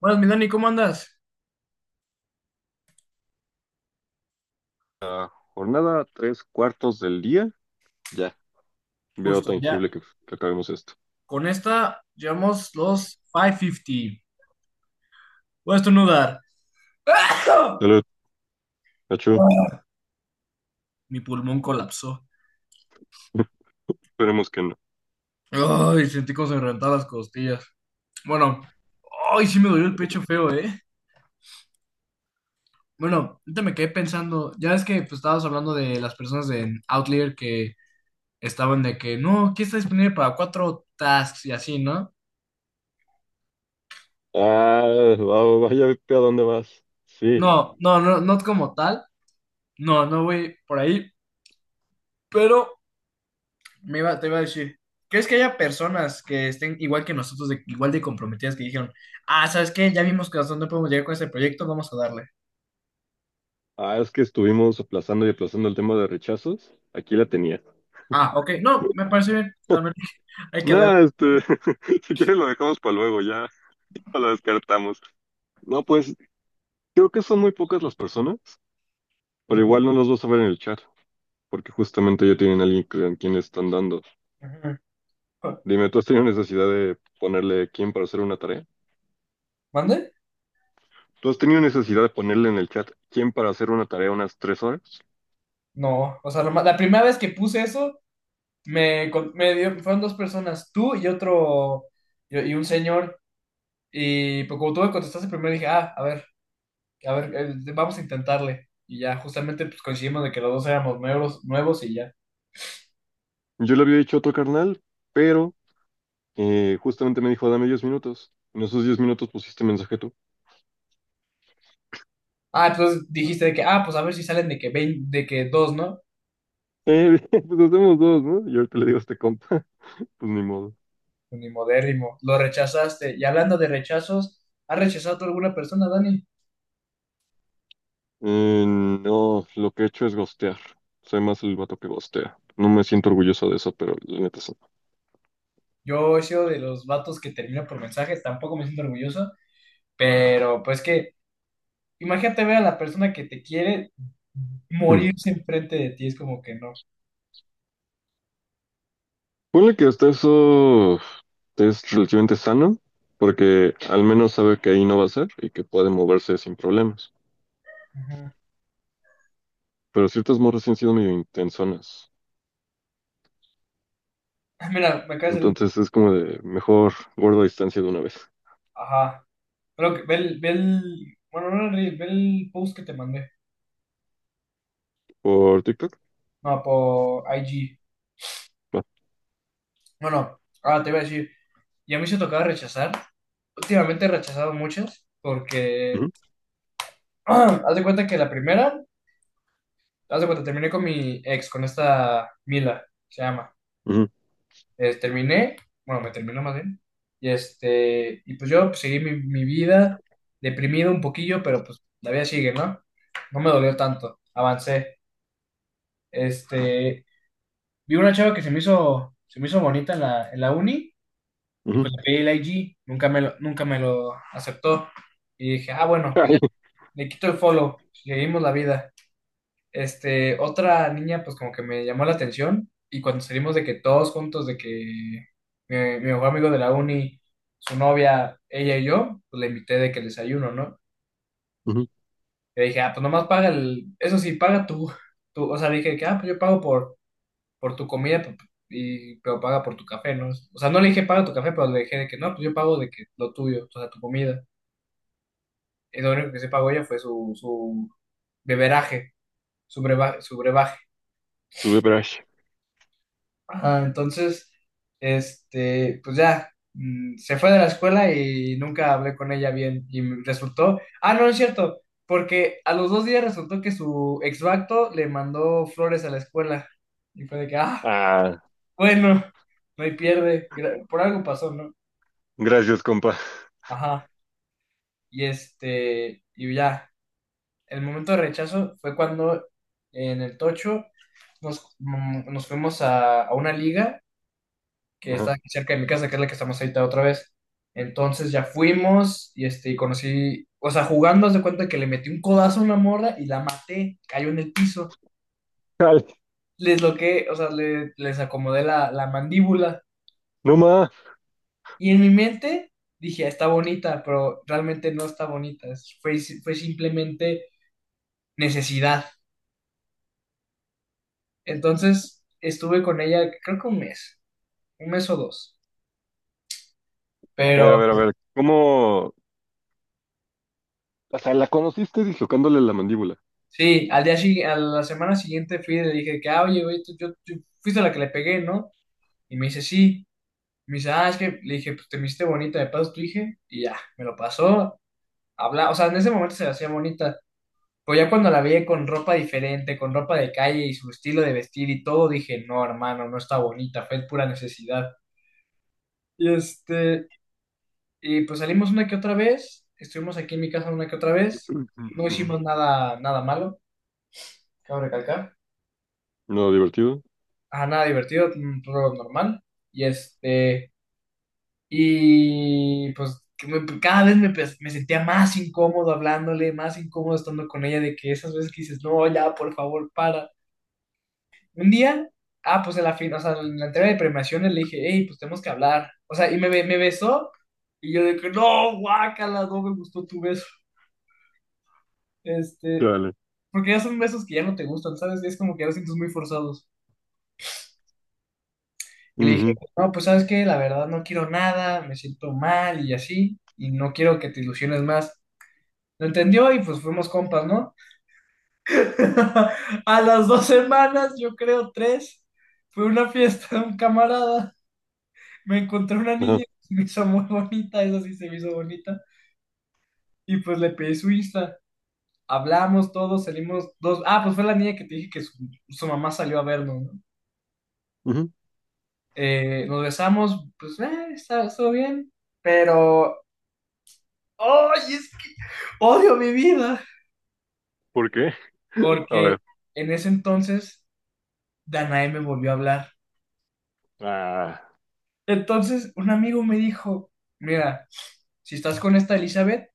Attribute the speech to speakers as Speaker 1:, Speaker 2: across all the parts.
Speaker 1: Buenas, mi Dani, ¿cómo andas?
Speaker 2: La jornada tres cuartos del día, ya veo
Speaker 1: Justo, ya.
Speaker 2: tangible que acabemos esto.
Speaker 1: Con esta llevamos los 550. Voy a estornudar.
Speaker 2: Salud, Nacho.
Speaker 1: Mi pulmón colapsó.
Speaker 2: Esperemos que no.
Speaker 1: Ay, sentí como se me reventaban las costillas. Bueno, ay, sí me dolió el pecho feo, ¿eh? Bueno, ahorita me quedé pensando. Ya es que pues, estabas hablando de las personas de Outlier que estaban de que no, aquí está disponible para cuatro tasks y así, ¿no?
Speaker 2: Ah, vaya, ¿a dónde vas? Sí.
Speaker 1: No, no, no, no como tal. No, no voy por ahí. Pero te iba a decir, ¿crees que haya personas que estén igual que nosotros, de, igual de comprometidas, que dijeron, ah, ¿sabes qué? Ya vimos que hasta dónde podemos llegar con este proyecto, vamos a darle.
Speaker 2: Ah, es que estuvimos aplazando y aplazando el tema de rechazos. Aquí la tenía.
Speaker 1: Ah, ok, no, me parece bien, también hay que darle.
Speaker 2: Nah, este, si quieres lo dejamos para luego, ya lo descartamos. No, pues creo que son muy pocas las personas, pero igual no los vas a ver en el chat, porque justamente ya tienen a alguien a quien le están dando.
Speaker 1: Ajá.
Speaker 2: Dime, ¿tú has tenido necesidad de ponerle quién para hacer una tarea?
Speaker 1: ¿Mande?
Speaker 2: ¿Tú has tenido necesidad de ponerle en el chat quién para hacer una tarea unas 3 horas?
Speaker 1: No, o sea, la primera vez que puse eso, me dio, fueron dos personas, tú y otro, y un señor, y pues, como tú me contestaste primero, dije, ah, a ver, vamos a intentarle. Y ya, justamente, pues coincidimos de que los dos éramos nuevos, nuevos y ya.
Speaker 2: Yo le había dicho a otro carnal, pero justamente me dijo, dame 10 minutos. En esos 10 minutos pusiste mensaje tú.
Speaker 1: Ah, entonces dijiste de que, ah, pues a ver si salen de que, de que dos, ¿no?
Speaker 2: Pues hacemos dos, ¿no? Y ahorita le digo a este compa, pues ni modo.
Speaker 1: Unimodérrimo, lo rechazaste. Y hablando de rechazos, ¿has rechazado tú alguna persona, Dani?
Speaker 2: No, lo que he hecho es gostear. Soy más el vato que gostea. No me siento orgulloso de eso, pero la neta sí.
Speaker 1: Yo he sido de los vatos que termina por mensajes, tampoco me siento orgulloso, pero pues que, imagínate ver a la persona que te quiere
Speaker 2: Mm.
Speaker 1: morirse enfrente de ti, es como que no.
Speaker 2: Ponle que hasta eso es relativamente sano, porque al menos sabe que ahí no va a ser y que puede moverse sin problemas.
Speaker 1: Ajá.
Speaker 2: Pero ciertas morras sí han sido medio intensonas.
Speaker 1: Ah, mira, me acabas de...
Speaker 2: Entonces es como de mejor guardo distancia de una vez.
Speaker 1: Ajá. Creo que bueno, no el ve el post que te mandé.
Speaker 2: ¿Por TikTok?
Speaker 1: No, por IG.
Speaker 2: Va.
Speaker 1: Bueno, ahora te voy a decir, y a mí se tocaba rechazar. Últimamente he rechazado muchas porque...
Speaker 2: Ujú,
Speaker 1: Haz de cuenta que la primera, haz de cuenta, terminé con mi ex, con esta Mila, se llama.
Speaker 2: ujú,
Speaker 1: Terminé, bueno, me terminó más bien. Y este, y pues yo pues, seguí mi vida deprimido un poquillo, pero pues la vida sigue, ¿no? No me dolió tanto, avancé. Este, vi una chava que se me hizo bonita en la uni y
Speaker 2: ujú.
Speaker 1: pues le pedí el IG, nunca me lo aceptó. Y dije, ah, bueno, pues ya
Speaker 2: Ay,
Speaker 1: le quito el follow, seguimos la vida. Este, otra niña, pues como que me llamó la atención y cuando salimos de que todos juntos, de que mi mejor amigo de la uni, su novia, ella y yo, pues le invité de que el desayuno, ¿no?
Speaker 2: ujú.
Speaker 1: Le dije, ah, pues nomás paga el, eso sí, paga tú, tú, o sea, le dije que, ah, pues yo pago por, tu comida, y, pero paga por tu café, ¿no? O sea, no le dije paga tu café, pero le dije de que no, pues yo pago de que lo tuyo, o sea, tu comida. Y lo único que se pagó ella fue su beberaje, su brebaje.
Speaker 2: Tuve brush.
Speaker 1: Ajá, entonces, este, pues ya, se fue de la escuela y nunca hablé con ella bien y me resultó, ah, no, es cierto, porque a los dos días resultó que su exvacto le mandó flores a la escuela y fue de que, ah,
Speaker 2: Ah,
Speaker 1: bueno, no hay pierde, por algo pasó, ¿no?
Speaker 2: gracias, compa.
Speaker 1: Ajá, y este, y ya, el momento de rechazo fue cuando en el Tocho nos fuimos a una liga que está
Speaker 2: Ajá.
Speaker 1: aquí cerca de mi casa, que es la que estamos ahorita otra vez. Entonces ya fuimos y este, y conocí, o sea, jugando, haz de cuenta que le metí un codazo a una morra y la maté, cayó en el piso,
Speaker 2: Ay,
Speaker 1: les loqué, o sea, les acomodé la mandíbula
Speaker 2: no más.
Speaker 1: y en mi mente dije, "Ah, está bonita, pero realmente no está bonita, fue simplemente necesidad. Entonces estuve con ella, creo que un mes o dos.
Speaker 2: A ver, a
Speaker 1: Pero
Speaker 2: ver, a ver. ¿Cómo? O sea, la conociste dislocándole la mandíbula.
Speaker 1: sí, a la semana siguiente fui y le dije que, ah, oye, güey, tú fuiste la que le pegué, ¿no? Y me dice, sí. Me dice, ah, es que le dije, pues te me hiciste bonita, me pasas tu hija. Y ya, me lo pasó. Habla, o sea, en ese momento se la hacía bonita. Pero ya cuando la vi con ropa diferente, con ropa de calle y su estilo de vestir y todo, dije, no, hermano, no está bonita, fue pura necesidad. Y este, y pues salimos una que otra vez, estuvimos aquí en mi casa una que otra vez,
Speaker 2: Ujú,
Speaker 1: no hicimos
Speaker 2: ujú.
Speaker 1: nada, nada malo, cabe recalcar.
Speaker 2: No, divertido.
Speaker 1: Ajá, nada divertido, un rol normal. Y este, y pues que cada vez me sentía más incómodo hablándole, más incómodo estando con ella, de que esas veces que dices, no, ya, por favor, para. Un día, ah, o sea, en la entrega de premiaciones le dije, hey, pues tenemos que hablar. O sea, me besó, y yo de que, no, guácala, no me gustó tu beso. Este,
Speaker 2: Dale.
Speaker 1: porque ya son besos que ya no te gustan, ¿sabes? Es como que ya los sientes muy forzados. Y le dije, no, pues sabes qué, la verdad no quiero nada, me siento mal y así, y no quiero que te ilusiones más. Lo entendió y pues fuimos compas, ¿no? A las dos semanas, yo creo tres, fue una fiesta de un camarada. Me encontré una niña que se me hizo muy bonita, esa sí se me hizo bonita, y pues le pedí su Insta. Hablamos todos, salimos dos. Ah, pues fue la niña que te dije que su mamá salió a vernos, ¿no? Nos besamos, pues, estuvo bien, pero. Ay, odio mi vida.
Speaker 2: ¿Por qué? A
Speaker 1: Porque
Speaker 2: ver.
Speaker 1: en ese entonces Danae me volvió a hablar.
Speaker 2: Ah,
Speaker 1: Entonces un amigo me dijo, mira, si estás con esta Elizabeth,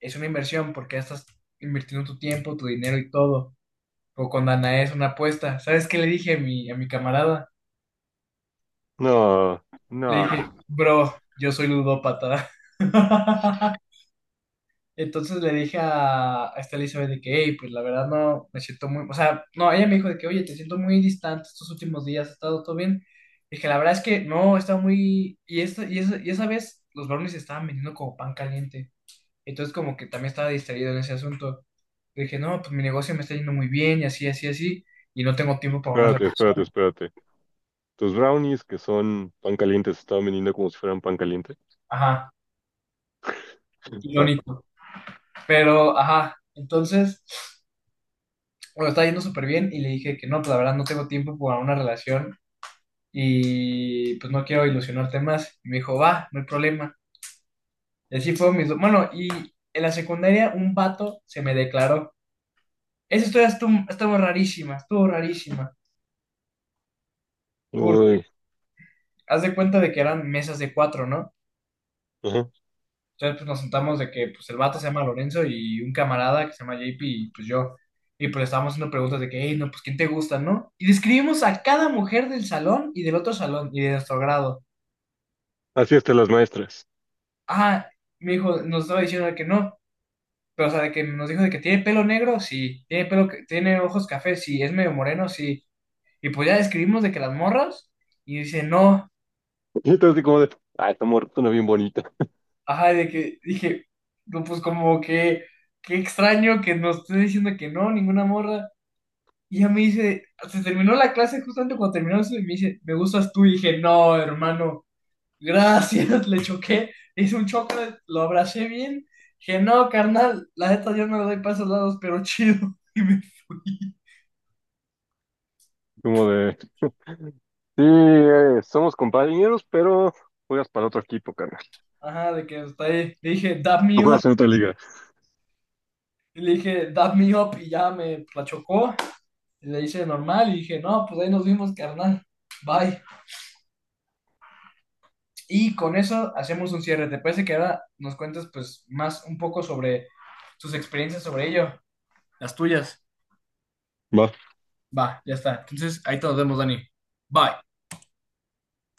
Speaker 1: es una inversión porque ya estás invirtiendo tu tiempo, tu dinero y todo. O con Danae es una apuesta. ¿Sabes qué le dije a a mi camarada?
Speaker 2: no,
Speaker 1: Le
Speaker 2: no.
Speaker 1: dije, bro, yo soy ludópata. Entonces le dije a esta Elizabeth de que, hey, pues la verdad no, me siento muy, o sea, no, ella me dijo de que, oye, te siento muy distante estos últimos días, ¿ha estado todo bien? Dije, la verdad es que no, está muy, y esa vez los brownies estaban vendiendo como pan caliente, entonces como que también estaba distraído en ese asunto. Le dije, no, pues mi negocio me está yendo muy bien y así, así, así, y no tengo tiempo para una
Speaker 2: Espérate, espérate,
Speaker 1: relación.
Speaker 2: espérate. Tus brownies, que son pan caliente, se estaban vendiendo como si fueran pan caliente.
Speaker 1: Ajá,
Speaker 2: Va.
Speaker 1: irónico, pero, ajá, entonces, bueno, estaba yendo súper bien y le dije que no, pues la verdad no tengo tiempo para una relación y pues no quiero ilusionarte más. Y me dijo, va, no hay problema. Y así fue bueno, y en la secundaria un vato se me declaró. Esa historia estuvo, estuvo rarísima, estuvo rarísima. Porque
Speaker 2: Uy.
Speaker 1: haz de cuenta de que eran mesas de cuatro, ¿no?
Speaker 2: Ajá.
Speaker 1: Entonces pues nos sentamos de que pues el vato se llama Lorenzo y un camarada que se llama JP y pues yo. Y pues le estábamos haciendo preguntas de que, hey, no, pues ¿quién te gusta, no? Y describimos a cada mujer del salón y del otro salón y de nuestro grado.
Speaker 2: Así están las maestras.
Speaker 1: Ah, mi hijo nos estaba diciendo que no, pero, o sea, de que nos dijo de que tiene pelo negro, sí. Tiene ojos café, sí. Es medio moreno, sí. Y pues ya describimos de que las morras, y dice, no.
Speaker 2: Y entonces así como de, ah, esta mujer suena bien bonita.
Speaker 1: Ajá, de que dije, no, pues como que, qué extraño que nos esté diciendo que no, ninguna morra. Y ya me dice, se terminó la clase justamente cuando terminó eso, y me dice, me gustas tú. Y dije, no, hermano, gracias, le choqué. Hice un choque, lo abracé bien. Dije, no, carnal, la neta yo no le doy pasos lados, pero chido. Y me fui.
Speaker 2: Como de, sí, somos compañeros, pero juegas para otro equipo, carnal.
Speaker 1: Ajá, de que está ahí. Le dije, dab
Speaker 2: Tú
Speaker 1: me up.
Speaker 2: juegas en otra liga.
Speaker 1: Y le dije, dab me up. Y ya me la chocó. Y le hice normal. Y dije, no, pues ahí nos vimos, carnal. Bye. Y con eso hacemos un cierre. ¿Te parece que ahora nos cuentes, pues, más un poco sobre tus experiencias sobre ello? Las tuyas.
Speaker 2: Va.
Speaker 1: Va, ya está. Entonces, ahí te nos vemos, Dani. Bye.